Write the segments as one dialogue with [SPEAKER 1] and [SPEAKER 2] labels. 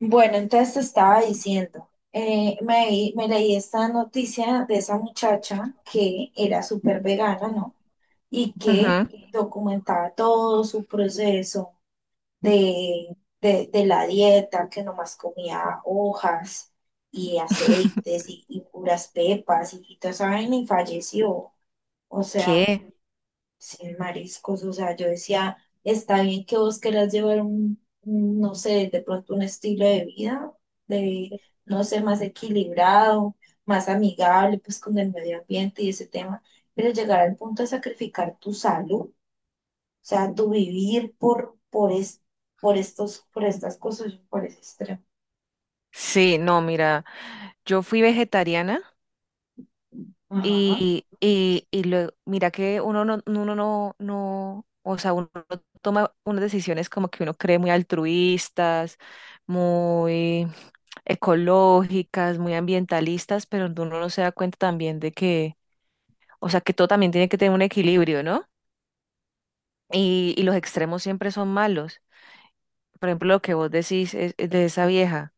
[SPEAKER 1] Bueno, entonces te estaba diciendo, me leí esta noticia de esa muchacha que era súper vegana, ¿no? Y que
[SPEAKER 2] Ujú.
[SPEAKER 1] documentaba todo su proceso de, de la dieta, que nomás comía hojas y aceites y puras pepas y toda esa vaina y falleció. O sea,
[SPEAKER 2] ¿Qué?
[SPEAKER 1] sin mariscos, o sea, yo decía, está bien que vos querás llevar un, no sé, de pronto un estilo de vida, de, no sé, más equilibrado, más amigable, pues con el medio ambiente y ese tema, pero llegar al punto de sacrificar tu salud, o sea, tu vivir por estas cosas, por ese extremo.
[SPEAKER 2] Sí, no, mira, yo fui vegetariana
[SPEAKER 1] Ajá.
[SPEAKER 2] y luego, mira que uno no, o sea, uno toma unas decisiones como que uno cree muy altruistas, muy ecológicas, muy ambientalistas, pero uno no se da cuenta también de que, o sea, que todo también tiene que tener un equilibrio, ¿no? Y los extremos siempre son malos. Por ejemplo, lo que vos decís es de esa vieja.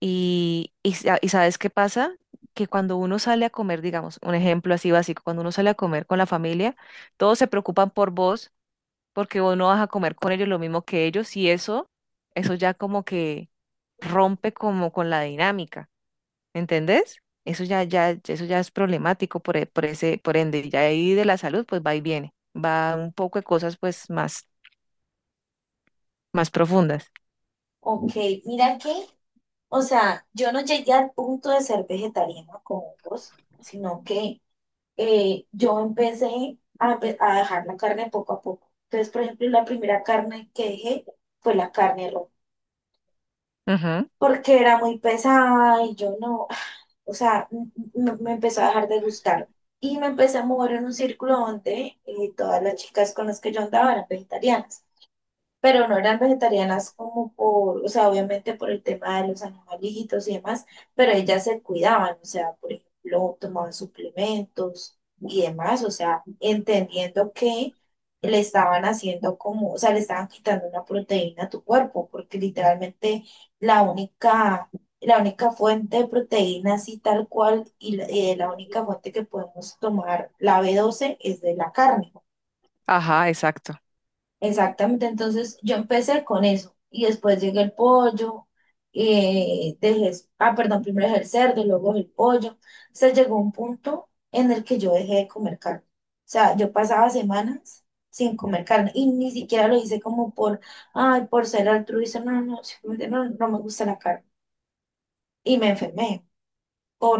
[SPEAKER 2] Y ¿sabes qué pasa? Que cuando uno sale a comer, digamos, un ejemplo así básico, cuando uno sale a comer con la familia, todos se preocupan por vos porque vos no vas a comer con ellos lo mismo que ellos y eso ya como que rompe como con la dinámica, ¿entendés? Eso ya, ya, eso ya es problemático por, e- por ese, por ende, y ya ahí de la salud, pues va y viene, va un poco de cosas pues más profundas.
[SPEAKER 1] Ok, mira que o sea, yo no llegué al punto de ser vegetariana con hongos, sino que yo empecé a dejar la carne poco a poco. Entonces, por ejemplo, la primera carne que dejé fue la carne roja,
[SPEAKER 2] Ujú.
[SPEAKER 1] porque era muy pesada y yo no, o sea, empezó a dejar de gustar. Y me empecé a mover en un círculo donde todas las chicas con las que yo andaba eran vegetarianas, pero no eran vegetarianas como por, o sea, obviamente por el tema de los animalitos y demás, pero ellas se cuidaban, o sea, por ejemplo, tomaban suplementos y demás, o sea, entendiendo que le estaban haciendo como, o sea, le estaban quitando una proteína a tu cuerpo, porque literalmente la única, la única fuente de proteína así tal cual y la única fuente que podemos tomar la B12 es de la carne.
[SPEAKER 2] Ajá, exacto.
[SPEAKER 1] Exactamente, entonces yo empecé con eso y después llegué el pollo, perdón, primero dejé el cerdo, luego el pollo. Se llegó a un punto en el que yo dejé de comer carne. O sea, yo pasaba semanas sin comer carne y ni siquiera lo hice como por ser altruista, no, no, simplemente no, no me gusta la carne. Y me enfermé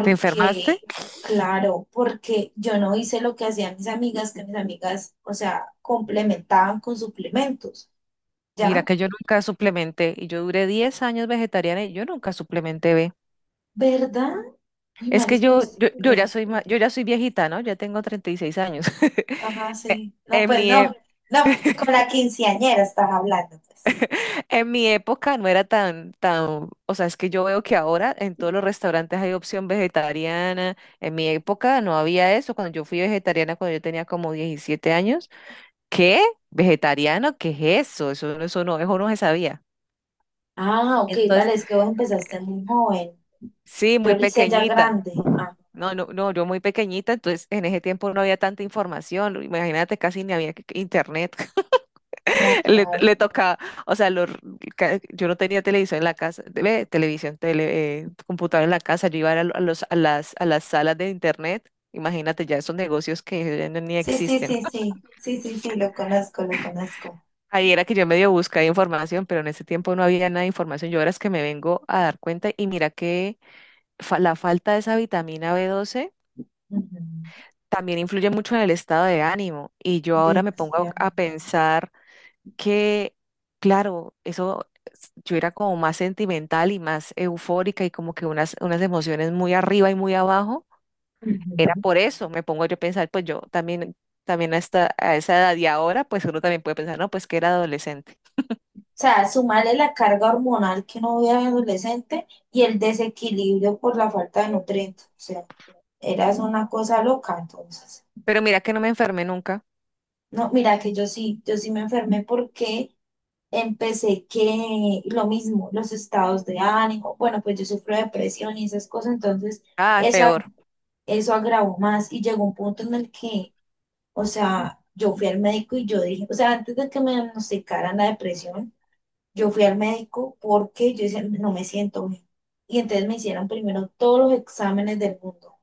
[SPEAKER 2] ¿Te enfermaste?
[SPEAKER 1] claro, porque yo no hice lo que hacían mis amigas, que mis amigas, o sea, complementaban con suplementos.
[SPEAKER 2] Mira
[SPEAKER 1] ¿Ya?
[SPEAKER 2] que yo nunca suplementé y yo duré 10 años vegetariana y yo nunca suplementé B.
[SPEAKER 1] ¿Verdad? Uy,
[SPEAKER 2] Es
[SPEAKER 1] mal
[SPEAKER 2] que
[SPEAKER 1] es
[SPEAKER 2] yo ya
[SPEAKER 1] costumbre.
[SPEAKER 2] soy yo ya soy viejita, ¿no? Ya tengo 36 años.
[SPEAKER 1] Ajá,
[SPEAKER 2] E-
[SPEAKER 1] sí. No,
[SPEAKER 2] En
[SPEAKER 1] pues
[SPEAKER 2] mi, e-
[SPEAKER 1] no, no, con la quinceañera estás hablando, pues.
[SPEAKER 2] en mi época no era tan, o sea, es que yo veo que ahora en todos los restaurantes hay opción vegetariana. En mi época no había eso. Cuando yo fui vegetariana, cuando yo tenía como 17 años, ¿qué? ¿Vegetariano? ¿Qué es eso? Eso, eso no se sabía.
[SPEAKER 1] Ah, ok,
[SPEAKER 2] Entonces,
[SPEAKER 1] vale, es que vos empezaste muy joven.
[SPEAKER 2] sí,
[SPEAKER 1] Yo
[SPEAKER 2] muy
[SPEAKER 1] lo hice ya
[SPEAKER 2] pequeñita.
[SPEAKER 1] grande. Ah,
[SPEAKER 2] No, yo muy pequeñita, entonces en ese tiempo no había tanta información, imagínate, casi ni había internet.
[SPEAKER 1] no,
[SPEAKER 2] Le,
[SPEAKER 1] claro.
[SPEAKER 2] le tocaba, o sea, yo no tenía televisión en la casa, ve, televisión, tele, computadora en la casa, yo iba a, lo- a los, a las salas de internet, imagínate ya esos negocios que ya ni
[SPEAKER 1] Sí, sí,
[SPEAKER 2] existen.
[SPEAKER 1] sí, sí. Sí, sí, sí, lo conozco, lo conozco.
[SPEAKER 2] Ahí era que yo medio buscaba información, pero en ese tiempo no había nada de información, yo ahora es que me vengo a dar cuenta y mira que la falta de esa vitamina B12
[SPEAKER 1] Ujú.
[SPEAKER 2] también influye mucho en el estado de ánimo. Y yo ahora me pongo
[SPEAKER 1] Demasiado.
[SPEAKER 2] a pensar que, claro, yo era como más sentimental y más eufórica y como que unas emociones muy arriba y muy abajo. Era
[SPEAKER 1] Ujú. O
[SPEAKER 2] por eso, me pongo yo a pensar, pues yo también, también hasta a esa edad y ahora, pues uno también puede pensar, no, pues que era adolescente.
[SPEAKER 1] sea, sumarle la carga hormonal que no había adolescente y el desequilibrio por la falta de nutrientes. O sea, eras una cosa loca entonces.
[SPEAKER 2] Pero mira que no me enfermé nunca.
[SPEAKER 1] No, mira que yo sí, me enfermé porque empecé que lo mismo, los estados de ánimo, bueno, pues yo sufro de depresión y esas cosas, entonces
[SPEAKER 2] Ah,
[SPEAKER 1] eso,
[SPEAKER 2] peor.
[SPEAKER 1] ag- eso agravó más y llegó un punto en el que, o sea, yo fui al médico y yo dije, o sea, antes de que me diagnosticaran la depresión, yo fui al médico porque yo decía, no me siento bien. Y entonces me hicieron primero todos los exámenes del mundo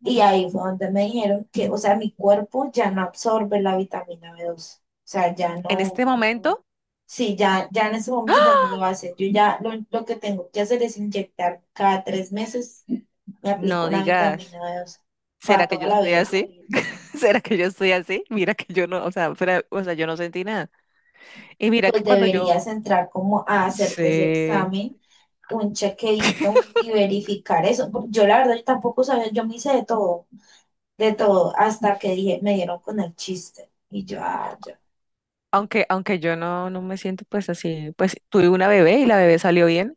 [SPEAKER 1] y ahí fue donde me dijeron que, o sea, mi cuerpo ya no absorbe la vitamina B2. O sea, ya
[SPEAKER 2] En
[SPEAKER 1] no,
[SPEAKER 2] este momento,
[SPEAKER 1] sí, ya, en ese momento ya no lo hace. Yo ya lo que tengo que hacer es inyectar cada 3 meses, me aplico
[SPEAKER 2] no
[SPEAKER 1] una
[SPEAKER 2] digas,
[SPEAKER 1] vitamina B2 para
[SPEAKER 2] ¿será que
[SPEAKER 1] toda
[SPEAKER 2] yo
[SPEAKER 1] la
[SPEAKER 2] estoy
[SPEAKER 1] vida.
[SPEAKER 2] así? ¿Será que yo estoy así? Mira que yo no, o sea, o sea, yo no sentí nada. Y mira que
[SPEAKER 1] Pues
[SPEAKER 2] cuando yo,
[SPEAKER 1] deberías entrar como a hacerte ese
[SPEAKER 2] sí,
[SPEAKER 1] examen, un chequeito y verificar eso. Porque yo la verdad yo tampoco sabía, yo me hice de todo, hasta que me dieron con el chiste. Y yo, ah,
[SPEAKER 2] aunque yo no, no me siento pues así, pues tuve una bebé y la bebé salió bien.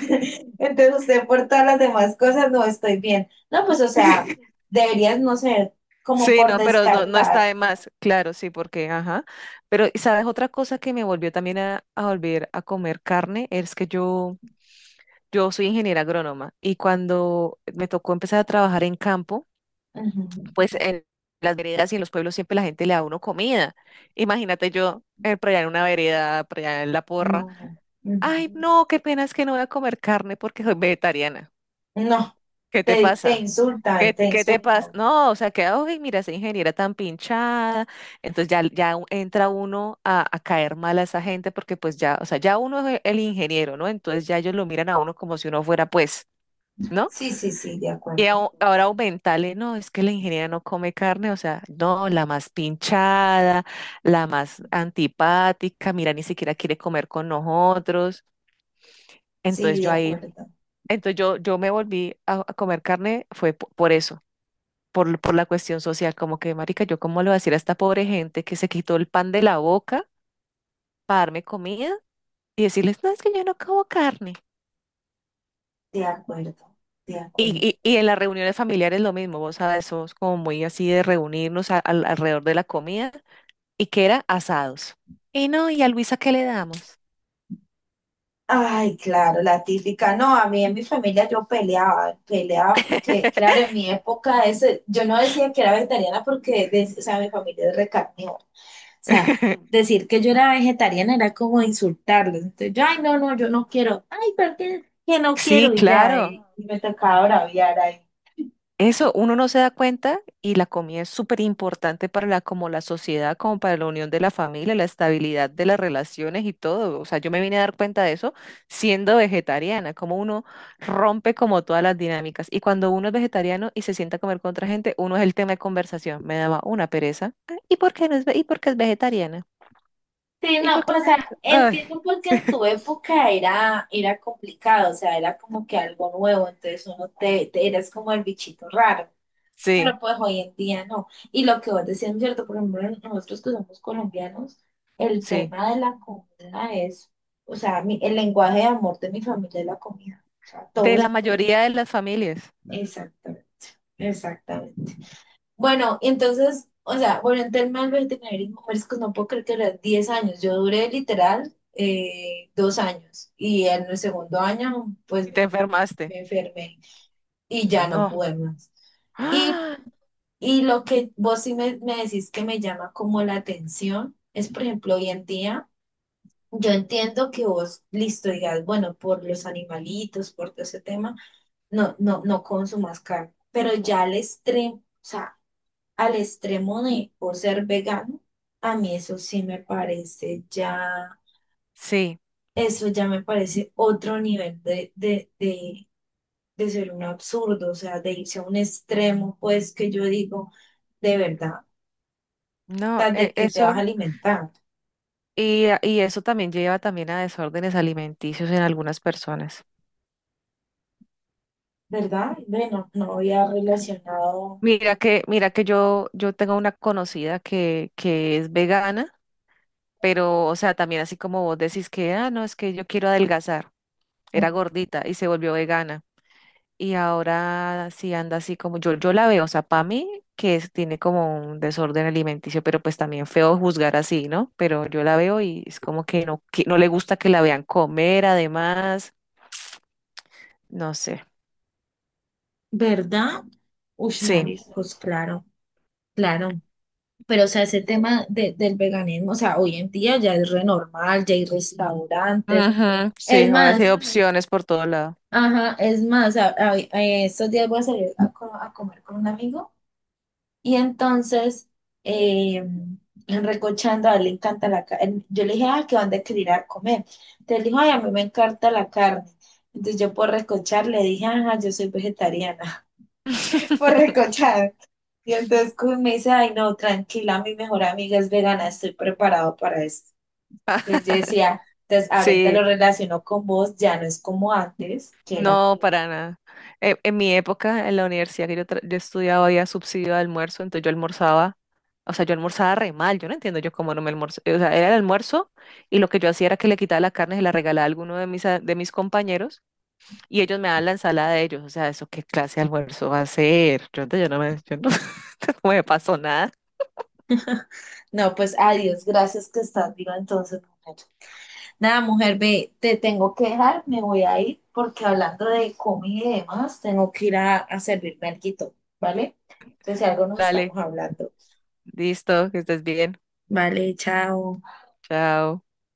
[SPEAKER 1] Entonces usted por todas las demás cosas no estoy bien. No, pues o sea, deberías no sé como
[SPEAKER 2] Sí,
[SPEAKER 1] por
[SPEAKER 2] no, pero no está
[SPEAKER 1] descartar.
[SPEAKER 2] de más, claro, sí, porque, ajá. Pero, ¿sabes otra cosa que me volvió también a volver a comer carne? Es que yo soy ingeniera agrónoma y cuando me tocó empezar a trabajar en campo,
[SPEAKER 1] Ujú.
[SPEAKER 2] pues en las veredas y en los pueblos siempre la gente le da a uno comida. Imagínate yo por allá en una vereda, por allá en la porra.
[SPEAKER 1] No, ujú.
[SPEAKER 2] Ay, no, qué pena es que no voy a comer carne porque soy vegetariana.
[SPEAKER 1] No,
[SPEAKER 2] ¿Qué te
[SPEAKER 1] te
[SPEAKER 2] pasa?
[SPEAKER 1] insultan,
[SPEAKER 2] ¿Qué,
[SPEAKER 1] te
[SPEAKER 2] te qué te pasa?
[SPEAKER 1] insultan.
[SPEAKER 2] No, o sea, que, ay, mira, esa ingeniera tan pinchada. Entonces ya, entra uno a caer mal a esa gente porque pues ya, o sea, ya uno es el ingeniero, ¿no? Entonces ya ellos lo miran a uno como si uno fuera pues, ¿no?
[SPEAKER 1] Sí, sí, sí, de
[SPEAKER 2] Y
[SPEAKER 1] acuerdo.
[SPEAKER 2] ahora aumentarle, no, es que la ingeniera no come carne, o sea, no, la más pinchada, la más antipática, mira, ni siquiera quiere comer con nosotros.
[SPEAKER 1] Sí,
[SPEAKER 2] Entonces
[SPEAKER 1] de
[SPEAKER 2] yo ahí.
[SPEAKER 1] acuerdo,
[SPEAKER 2] Entonces yo me volví a comer carne, fue por eso, por la cuestión social, como que, marica, yo cómo le voy a decir a esta pobre gente que se quitó el pan de la boca para darme comida y decirles, no, es que yo no como carne.
[SPEAKER 1] de acuerdo, de acuerdo.
[SPEAKER 2] Y en las reuniones familiares lo mismo, vos sabes, somos como muy así de reunirnos alrededor de la comida y que era asados. Y no, ¿y a Luisa qué le damos?
[SPEAKER 1] Ay, claro, la típica. No, a mí en mi familia yo peleaba, peleaba porque, claro, en mi época ese, yo no decía que era vegetariana porque, o sea, mi familia es recarnívora. O sea, decir que yo era vegetariana era como insultarlos. Entonces, yo, ay, no, no, yo no quiero. Ay, ¿por qué? Que no
[SPEAKER 2] Sí,
[SPEAKER 1] quiero y ya. Y,
[SPEAKER 2] claro.
[SPEAKER 1] y me tocaba braviar ahí.
[SPEAKER 2] Eso, uno no se da cuenta y la comida es súper importante para la, como la sociedad, como para la unión de la familia, la estabilidad de las relaciones y todo. O sea, yo me vine a dar cuenta de eso siendo vegetariana, como uno rompe como todas las dinámicas. Y cuando uno es vegetariano y se sienta a comer con otra gente, uno es el tema de conversación. Me daba una pereza. "Ah, ¿y por qué no es, ve- y por qué es vegetariana?
[SPEAKER 1] Sí,
[SPEAKER 2] ¿Y
[SPEAKER 1] no,
[SPEAKER 2] por qué
[SPEAKER 1] o
[SPEAKER 2] no
[SPEAKER 1] sea,
[SPEAKER 2] es-"
[SPEAKER 1] entiendo
[SPEAKER 2] Ay,
[SPEAKER 1] porque en tu época era complicado, o sea, era como que algo nuevo, entonces uno te eras como el bichito raro. Pero
[SPEAKER 2] sí,
[SPEAKER 1] pues hoy en día no. Y lo que vos decías, ¿es cierto? Por ejemplo, nosotros que somos colombianos, el
[SPEAKER 2] sí.
[SPEAKER 1] tema de la comida es, o sea, el lenguaje de amor de mi familia es la comida. O sea,
[SPEAKER 2] De la
[SPEAKER 1] todos,
[SPEAKER 2] mayoría de las familias.
[SPEAKER 1] exactamente, exactamente. Bueno, entonces, o sea, bueno, en tema del vegetarianismo, mariscos, no puedo creer que eran 10 años. Yo duré literal 2 años y en el segundo año, pues
[SPEAKER 2] Y te enfermaste.
[SPEAKER 1] me enfermé y ya no
[SPEAKER 2] No.
[SPEAKER 1] pude más. Y
[SPEAKER 2] ¡Ah!
[SPEAKER 1] Y lo que vos sí me decís que me llama como la atención es, por ejemplo, hoy en día, yo entiendo que vos, listo, digas, bueno, por los animalitos, por todo ese tema, no consumas carne, pero ya al extremo, o sea, al extremo de o ser vegano, a mí eso sí me parece ya,
[SPEAKER 2] Sí.
[SPEAKER 1] eso ya me parece otro nivel de ser un absurdo, o sea, de irse a un extremo, pues que yo digo, de verdad.
[SPEAKER 2] No,
[SPEAKER 1] Sea, de que te vas
[SPEAKER 2] eso,
[SPEAKER 1] a alimentar,
[SPEAKER 2] y, y eso también lleva también a desórdenes alimenticios en algunas personas.
[SPEAKER 1] ¿verdad? Bueno, no había relacionado,
[SPEAKER 2] Mira que yo tengo una conocida que es vegana, pero, o sea, también así como vos decís que, ah, no, es que yo quiero adelgazar. Era gordita y se volvió vegana. Y ahora sí anda así como yo la veo, o sea, para mí que tiene como un desorden alimenticio, pero pues también feo juzgar así, ¿no? Pero yo la veo y es como que no le gusta que la vean comer, además, no sé.
[SPEAKER 1] ¿verdad? Ush,
[SPEAKER 2] Sí,
[SPEAKER 1] mariscos, claro, claro. Pero, o sea, ese tema del veganismo, o sea, hoy en día ya es re normal, ya hay restaurantes.
[SPEAKER 2] ujú.
[SPEAKER 1] Es
[SPEAKER 2] Sí, ahora sí hay
[SPEAKER 1] más,
[SPEAKER 2] opciones por todo lado.
[SPEAKER 1] ajá, es más, estos días voy a salir a comer con un amigo. Y entonces, eh, en Recochando, a él le encanta la carne. Yo le dije, ah, ¿qué dónde querer ir a comer? Entonces dijo, ay, a mí me encanta la carne. Entonces yo por recochar le dije, ajá, yo soy vegetariana, por recochar. Y entonces como me dice, ay, no, tranquila, mi mejor amiga es vegana, estoy preparado para esto. Entonces yo decía, entonces ahorita
[SPEAKER 2] Sí,
[SPEAKER 1] lo relaciono con vos, ya no es como antes, que era
[SPEAKER 2] no,
[SPEAKER 1] como,
[SPEAKER 2] para nada. En mi época, en la universidad que yo, yo estudiaba, había subsidio de almuerzo, entonces yo almorzaba, o sea, yo almorzaba re mal, yo no entiendo yo cómo no me almorzaba, o sea, era el almuerzo y lo que yo hacía era que le quitaba la carne y se la regalaba a alguno de de mis compañeros y ellos me daban la ensalada de ellos, o sea, ¿eso qué clase de almuerzo va a ser? Yo no me pasó nada.
[SPEAKER 1] no, pues adiós, gracias que estás viva entonces. Mujer". Nada, mujer, ve, te tengo que dejar, me voy a ir porque hablando de comida y demás, tengo que ir a servirme alguito, ¿vale? Entonces, si algo nos
[SPEAKER 2] Dale,
[SPEAKER 1] estamos hablando.
[SPEAKER 2] listo, que estés bien,
[SPEAKER 1] Vale, chao.
[SPEAKER 2] chao.